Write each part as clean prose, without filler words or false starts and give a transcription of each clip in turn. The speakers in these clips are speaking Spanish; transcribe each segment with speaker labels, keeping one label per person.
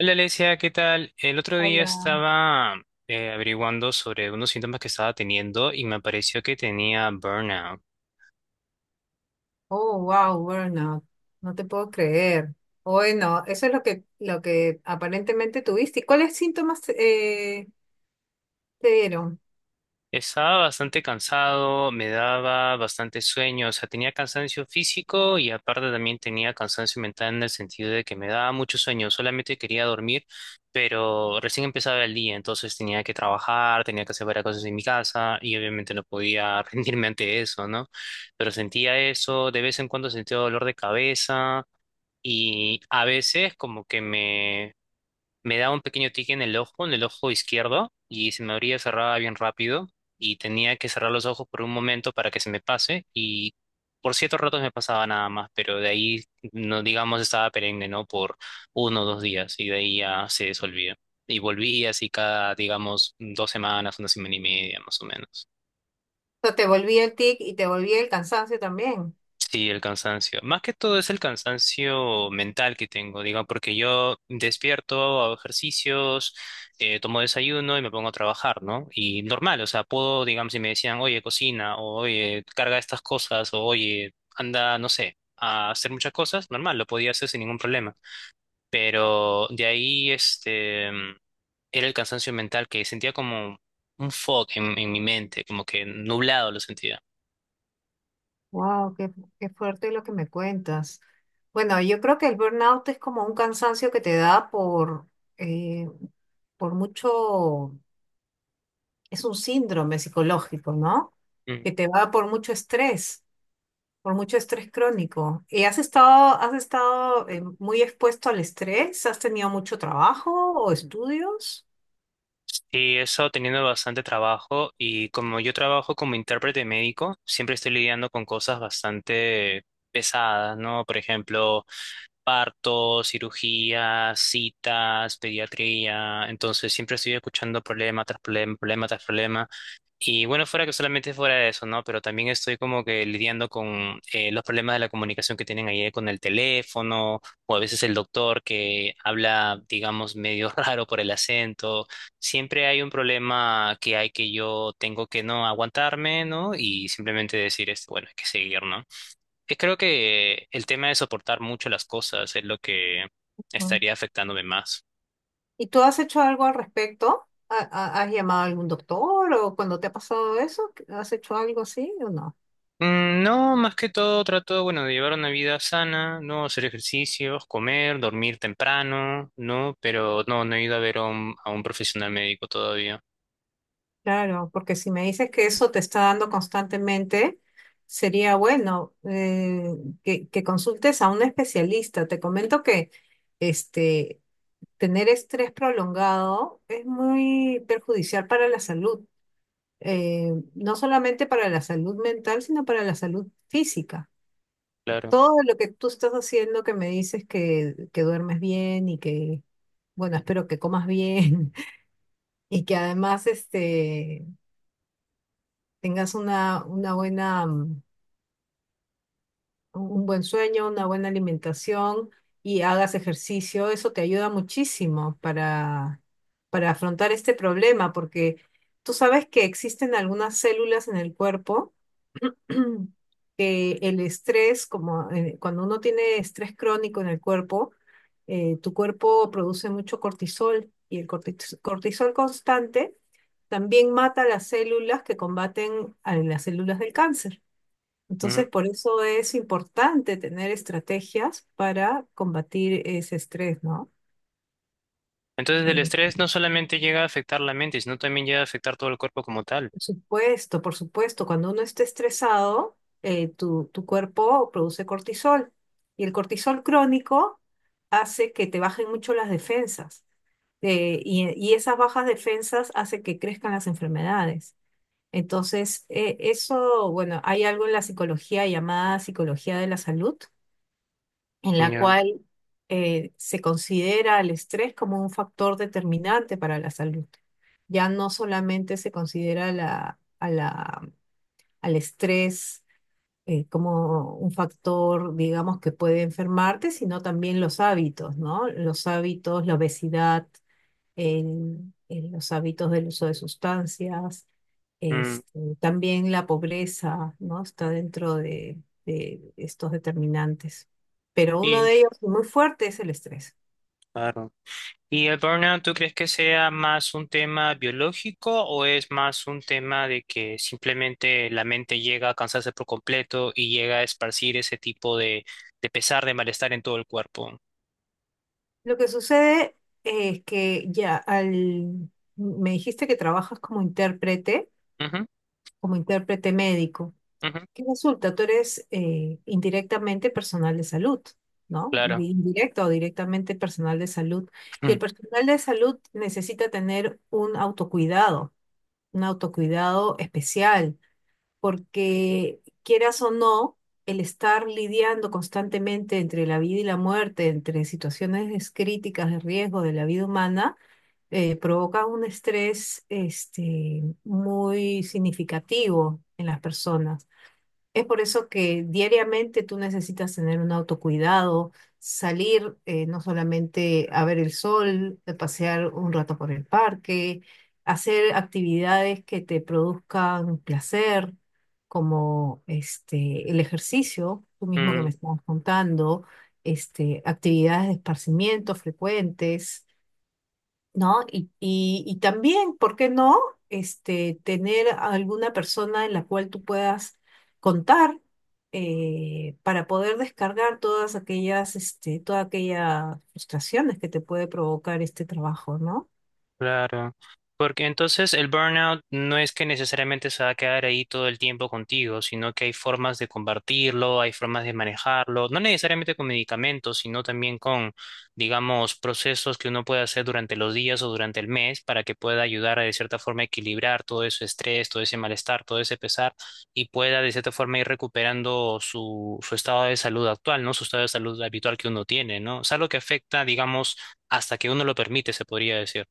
Speaker 1: Hola, Alesia, ¿qué tal? El otro día
Speaker 2: Hola.
Speaker 1: estaba averiguando sobre unos síntomas que estaba teniendo y me apareció que tenía burnout.
Speaker 2: Oh, wow, burnout. No te puedo creer. Bueno, eso es lo que aparentemente tuviste. ¿Y cuáles síntomas te dieron?
Speaker 1: Estaba bastante cansado, me daba bastante sueño, o sea, tenía cansancio físico y aparte también tenía cansancio mental en el sentido de que me daba mucho sueño, solamente quería dormir, pero recién empezaba el día, entonces tenía que trabajar, tenía que hacer varias cosas en mi casa y obviamente no podía rendirme ante eso, ¿no? Pero sentía eso, de vez en cuando sentía dolor de cabeza. Y a veces me daba un pequeño tique en el ojo izquierdo, y se me abría, cerraba bien rápido, y tenía que cerrar los ojos por un momento para que se me pase, y por ciertos ratos me pasaba nada más, pero de ahí, no digamos, estaba perenne, ¿no? Por uno o dos días, y de ahí ya se desolvía. Y volví así cada, digamos, dos semanas, una semana y media, más o menos.
Speaker 2: O sea, te volví el tic y te volví el cansancio también.
Speaker 1: Sí, el cansancio. Más que todo es el cansancio mental que tengo, diga, porque yo despierto, hago ejercicios, tomo desayuno y me pongo a trabajar, ¿no? Y normal, o sea, puedo, digamos, si me decían, oye, cocina, o oye, carga estas cosas, o oye, anda, no sé, a hacer muchas cosas, normal, lo podía hacer sin ningún problema. Pero de ahí, era el cansancio mental que sentía como un fog en mi mente, como que nublado lo sentía.
Speaker 2: Wow, qué, qué fuerte lo que me cuentas. Bueno, yo creo que el burnout es como un cansancio que te da eh, por mucho, es un síndrome psicológico, ¿no?
Speaker 1: Mm.
Speaker 2: Que te va por mucho estrés. Por mucho estrés crónico. ¿Y has estado muy expuesto al estrés? ¿Has tenido mucho trabajo o estudios?
Speaker 1: Sí, he estado teniendo bastante trabajo y como yo trabajo como intérprete médico, siempre estoy lidiando con cosas bastante pesadas, ¿no? Por ejemplo, partos, cirugías, citas, pediatría. Entonces siempre estoy escuchando problema tras problema, problema tras problema. Y bueno, fuera que solamente fuera de eso, ¿no? Pero también estoy como que lidiando con los problemas de la comunicación que tienen ahí con el teléfono, o a veces el doctor que habla, digamos, medio raro por el acento. Siempre hay un problema que hay que yo tengo que no aguantarme, ¿no? Y simplemente decir, este, bueno, hay que seguir, ¿no? Y creo que el tema de soportar mucho las cosas es lo que
Speaker 2: Mm.
Speaker 1: estaría afectándome más.
Speaker 2: ¿Y tú has hecho algo al respecto? ¿Has llamado a algún doctor o cuando te ha pasado eso? ¿Has hecho algo así o no?
Speaker 1: Mm, no, más que todo trato, bueno, de llevar una vida sana, no hacer ejercicios, comer, dormir temprano, ¿no? Pero no he ido a ver a a un profesional médico todavía,
Speaker 2: Claro, porque si me dices que eso te está dando constantemente, sería bueno que consultes a un especialista. Te comento que este, tener estrés prolongado es muy perjudicial para la salud, no solamente para la salud mental, sino para la salud física.
Speaker 1: claro.
Speaker 2: Todo lo que tú estás haciendo, que me dices que duermes bien y que, bueno, espero que comas bien y que además este, tengas una buena un buen sueño, una buena alimentación y hagas ejercicio, eso te ayuda muchísimo para afrontar este problema, porque tú sabes que existen algunas células en el cuerpo que el estrés, como cuando uno tiene estrés crónico en el cuerpo, tu cuerpo produce mucho cortisol y el cortisol constante también mata las células que combaten a las células del cáncer.
Speaker 1: Ujú.
Speaker 2: Entonces, por eso es importante tener estrategias para combatir ese estrés, ¿no?
Speaker 1: Entonces el
Speaker 2: Eh,
Speaker 1: estrés no solamente llega a afectar la mente, sino también llega a afectar todo el cuerpo como tal.
Speaker 2: por supuesto, por supuesto, cuando uno está estresado, tu, tu cuerpo produce cortisol y el cortisol crónico hace que te bajen mucho las defensas y esas bajas defensas hacen que crezcan las enfermedades. Entonces, eso, bueno, hay algo en la psicología llamada psicología de la salud en la
Speaker 1: Ya.
Speaker 2: cual se considera el estrés como un factor determinante para la salud. Ya no solamente se considera al estrés como un factor, digamos, que puede enfermarte, sino también los hábitos, ¿no? Los hábitos, la obesidad, los hábitos del uso de sustancias,
Speaker 1: Mm,
Speaker 2: este, también la pobreza, ¿no? Está dentro de estos determinantes. Pero uno
Speaker 1: sí,
Speaker 2: de ellos muy fuerte es el estrés.
Speaker 1: claro. ¿Y el burnout, tú crees que sea más un tema biológico o es más un tema de que simplemente la mente llega a cansarse por completo y llega a esparcir ese tipo de pesar, de malestar en todo el cuerpo?
Speaker 2: Lo que sucede es que ya al... Me dijiste que trabajas
Speaker 1: Ujú,
Speaker 2: como intérprete médico.
Speaker 1: ujú,
Speaker 2: ¿Qué resulta? Tú eres indirectamente personal de salud, ¿no?
Speaker 1: claro.
Speaker 2: Indirecto o directamente personal de salud. Y el personal de salud necesita tener un autocuidado especial, porque quieras o no, el estar lidiando constantemente entre la vida y la muerte, entre situaciones críticas de riesgo de la vida humana, provoca un estrés este, muy significativo en las personas. Es por eso que diariamente tú necesitas tener un autocuidado, salir no solamente a ver el sol, a pasear un rato por el parque, hacer actividades que te produzcan placer, como este, el ejercicio, tú mismo que me estás contando, este, actividades de esparcimiento frecuentes. ¿No? Y también, ¿por qué no? Este, tener a alguna persona en la cual tú puedas contar para poder descargar todas aquellas, este, todas aquellas frustraciones que te puede provocar este trabajo, ¿no?
Speaker 1: Claro, porque entonces el burnout no es que necesariamente se va a quedar ahí todo el tiempo contigo, sino que hay formas de combatirlo, hay formas de manejarlo, no necesariamente con medicamentos, sino también con, digamos, procesos que uno puede hacer durante los días o durante el mes para que pueda ayudar a de cierta forma equilibrar todo ese estrés, todo ese malestar, todo ese pesar y pueda de cierta forma ir recuperando su estado de salud actual, ¿no? Su estado de salud habitual que uno tiene, ¿no? Es algo que afecta, digamos, hasta que uno lo permite, se podría decir.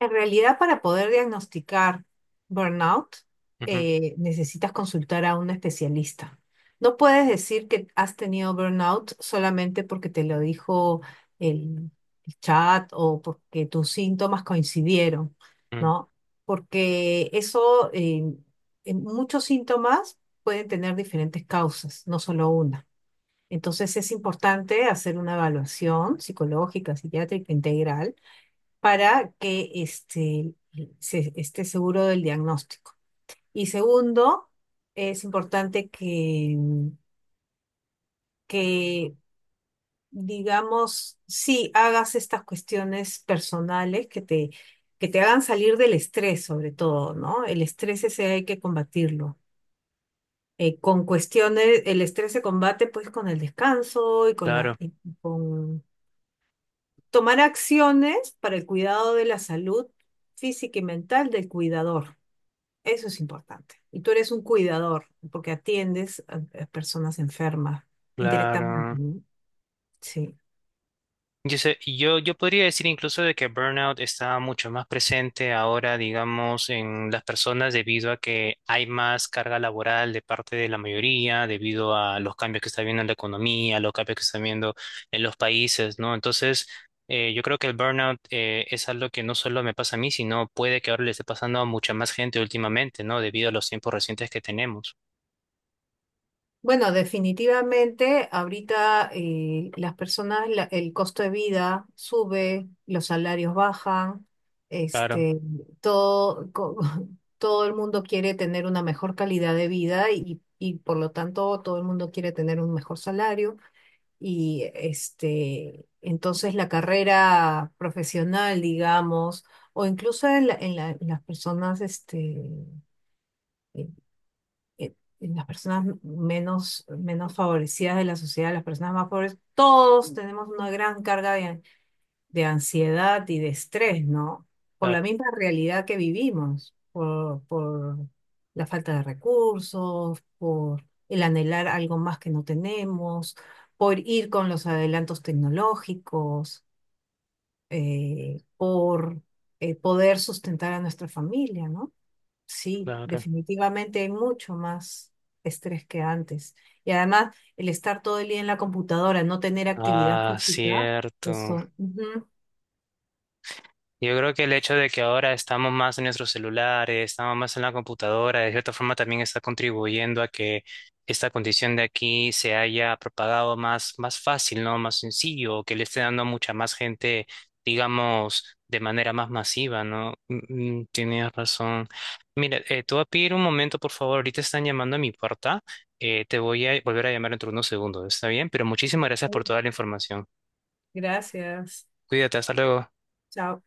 Speaker 2: En realidad, para poder diagnosticar burnout,
Speaker 1: Ujú,
Speaker 2: necesitas consultar a un especialista. No puedes decir que has tenido burnout solamente porque te lo dijo el, el chat o porque tus síntomas coincidieron,
Speaker 1: ujú,
Speaker 2: ¿no? Porque eso, en muchos síntomas pueden tener diferentes causas, no solo una. Entonces es importante hacer una evaluación psicológica, psiquiátrica integral para que este, esté seguro del diagnóstico. Y segundo, es importante que, digamos, sí hagas estas cuestiones personales que te hagan salir del estrés, sobre todo, ¿no? El estrés ese hay que combatirlo. Con cuestiones, el estrés se combate pues con el descanso y con la,
Speaker 1: claro,
Speaker 2: y con tomar acciones para el cuidado de la salud física y mental del cuidador. Eso es importante. Y tú eres un cuidador, porque atiendes a personas enfermas indirectamente.
Speaker 1: claro.
Speaker 2: ¿No? Sí.
Speaker 1: Yo podría decir incluso de que burnout está mucho más presente ahora, digamos, en las personas debido a que hay más carga laboral de parte de la mayoría, debido a los cambios que está viendo en la economía, los cambios que están viendo en los países, ¿no? Entonces, yo creo que el burnout es algo que no solo me pasa a mí, sino puede que ahora le esté pasando a mucha más gente últimamente, ¿no? Debido a los tiempos recientes que tenemos.
Speaker 2: Bueno, definitivamente ahorita las personas, el costo de vida sube, los salarios bajan,
Speaker 1: Claro,
Speaker 2: este, todo, todo el mundo quiere tener una mejor calidad de vida y por lo tanto todo el mundo quiere tener un mejor salario. Y este, entonces la carrera profesional, digamos, o incluso en, en las personas, este, eh, eh, en las personas menos, menos favorecidas de la sociedad, las personas más pobres, todos tenemos una gran carga de ansiedad y de estrés, ¿no? Por la
Speaker 1: claro,
Speaker 2: misma realidad que vivimos, por la falta de recursos, por el anhelar algo más que no tenemos, por ir con los adelantos tecnológicos, por poder sustentar a nuestra familia, ¿no? Sí,
Speaker 1: claro.
Speaker 2: definitivamente hay mucho más estrés que antes. Y además, el estar todo el día en la computadora, no tener actividad
Speaker 1: Ah,
Speaker 2: física,
Speaker 1: cierto.
Speaker 2: eso. Ujú.
Speaker 1: Yo creo que el hecho de que ahora estamos más en nuestros celulares, estamos más en la computadora, de cierta forma también está contribuyendo a que esta condición de aquí se haya propagado más, más fácil, ¿no? Más sencillo, que le esté dando a mucha más gente, digamos, de manera más masiva, ¿no? Mm, mm, tienes razón. Mira, te voy a pedir un momento, por favor. Ahorita están llamando a mi puerta. Te voy a volver a llamar dentro de unos segundos, ¿está bien? Pero muchísimas gracias por toda la información.
Speaker 2: Gracias.
Speaker 1: Cuídate, hasta luego.
Speaker 2: Chao.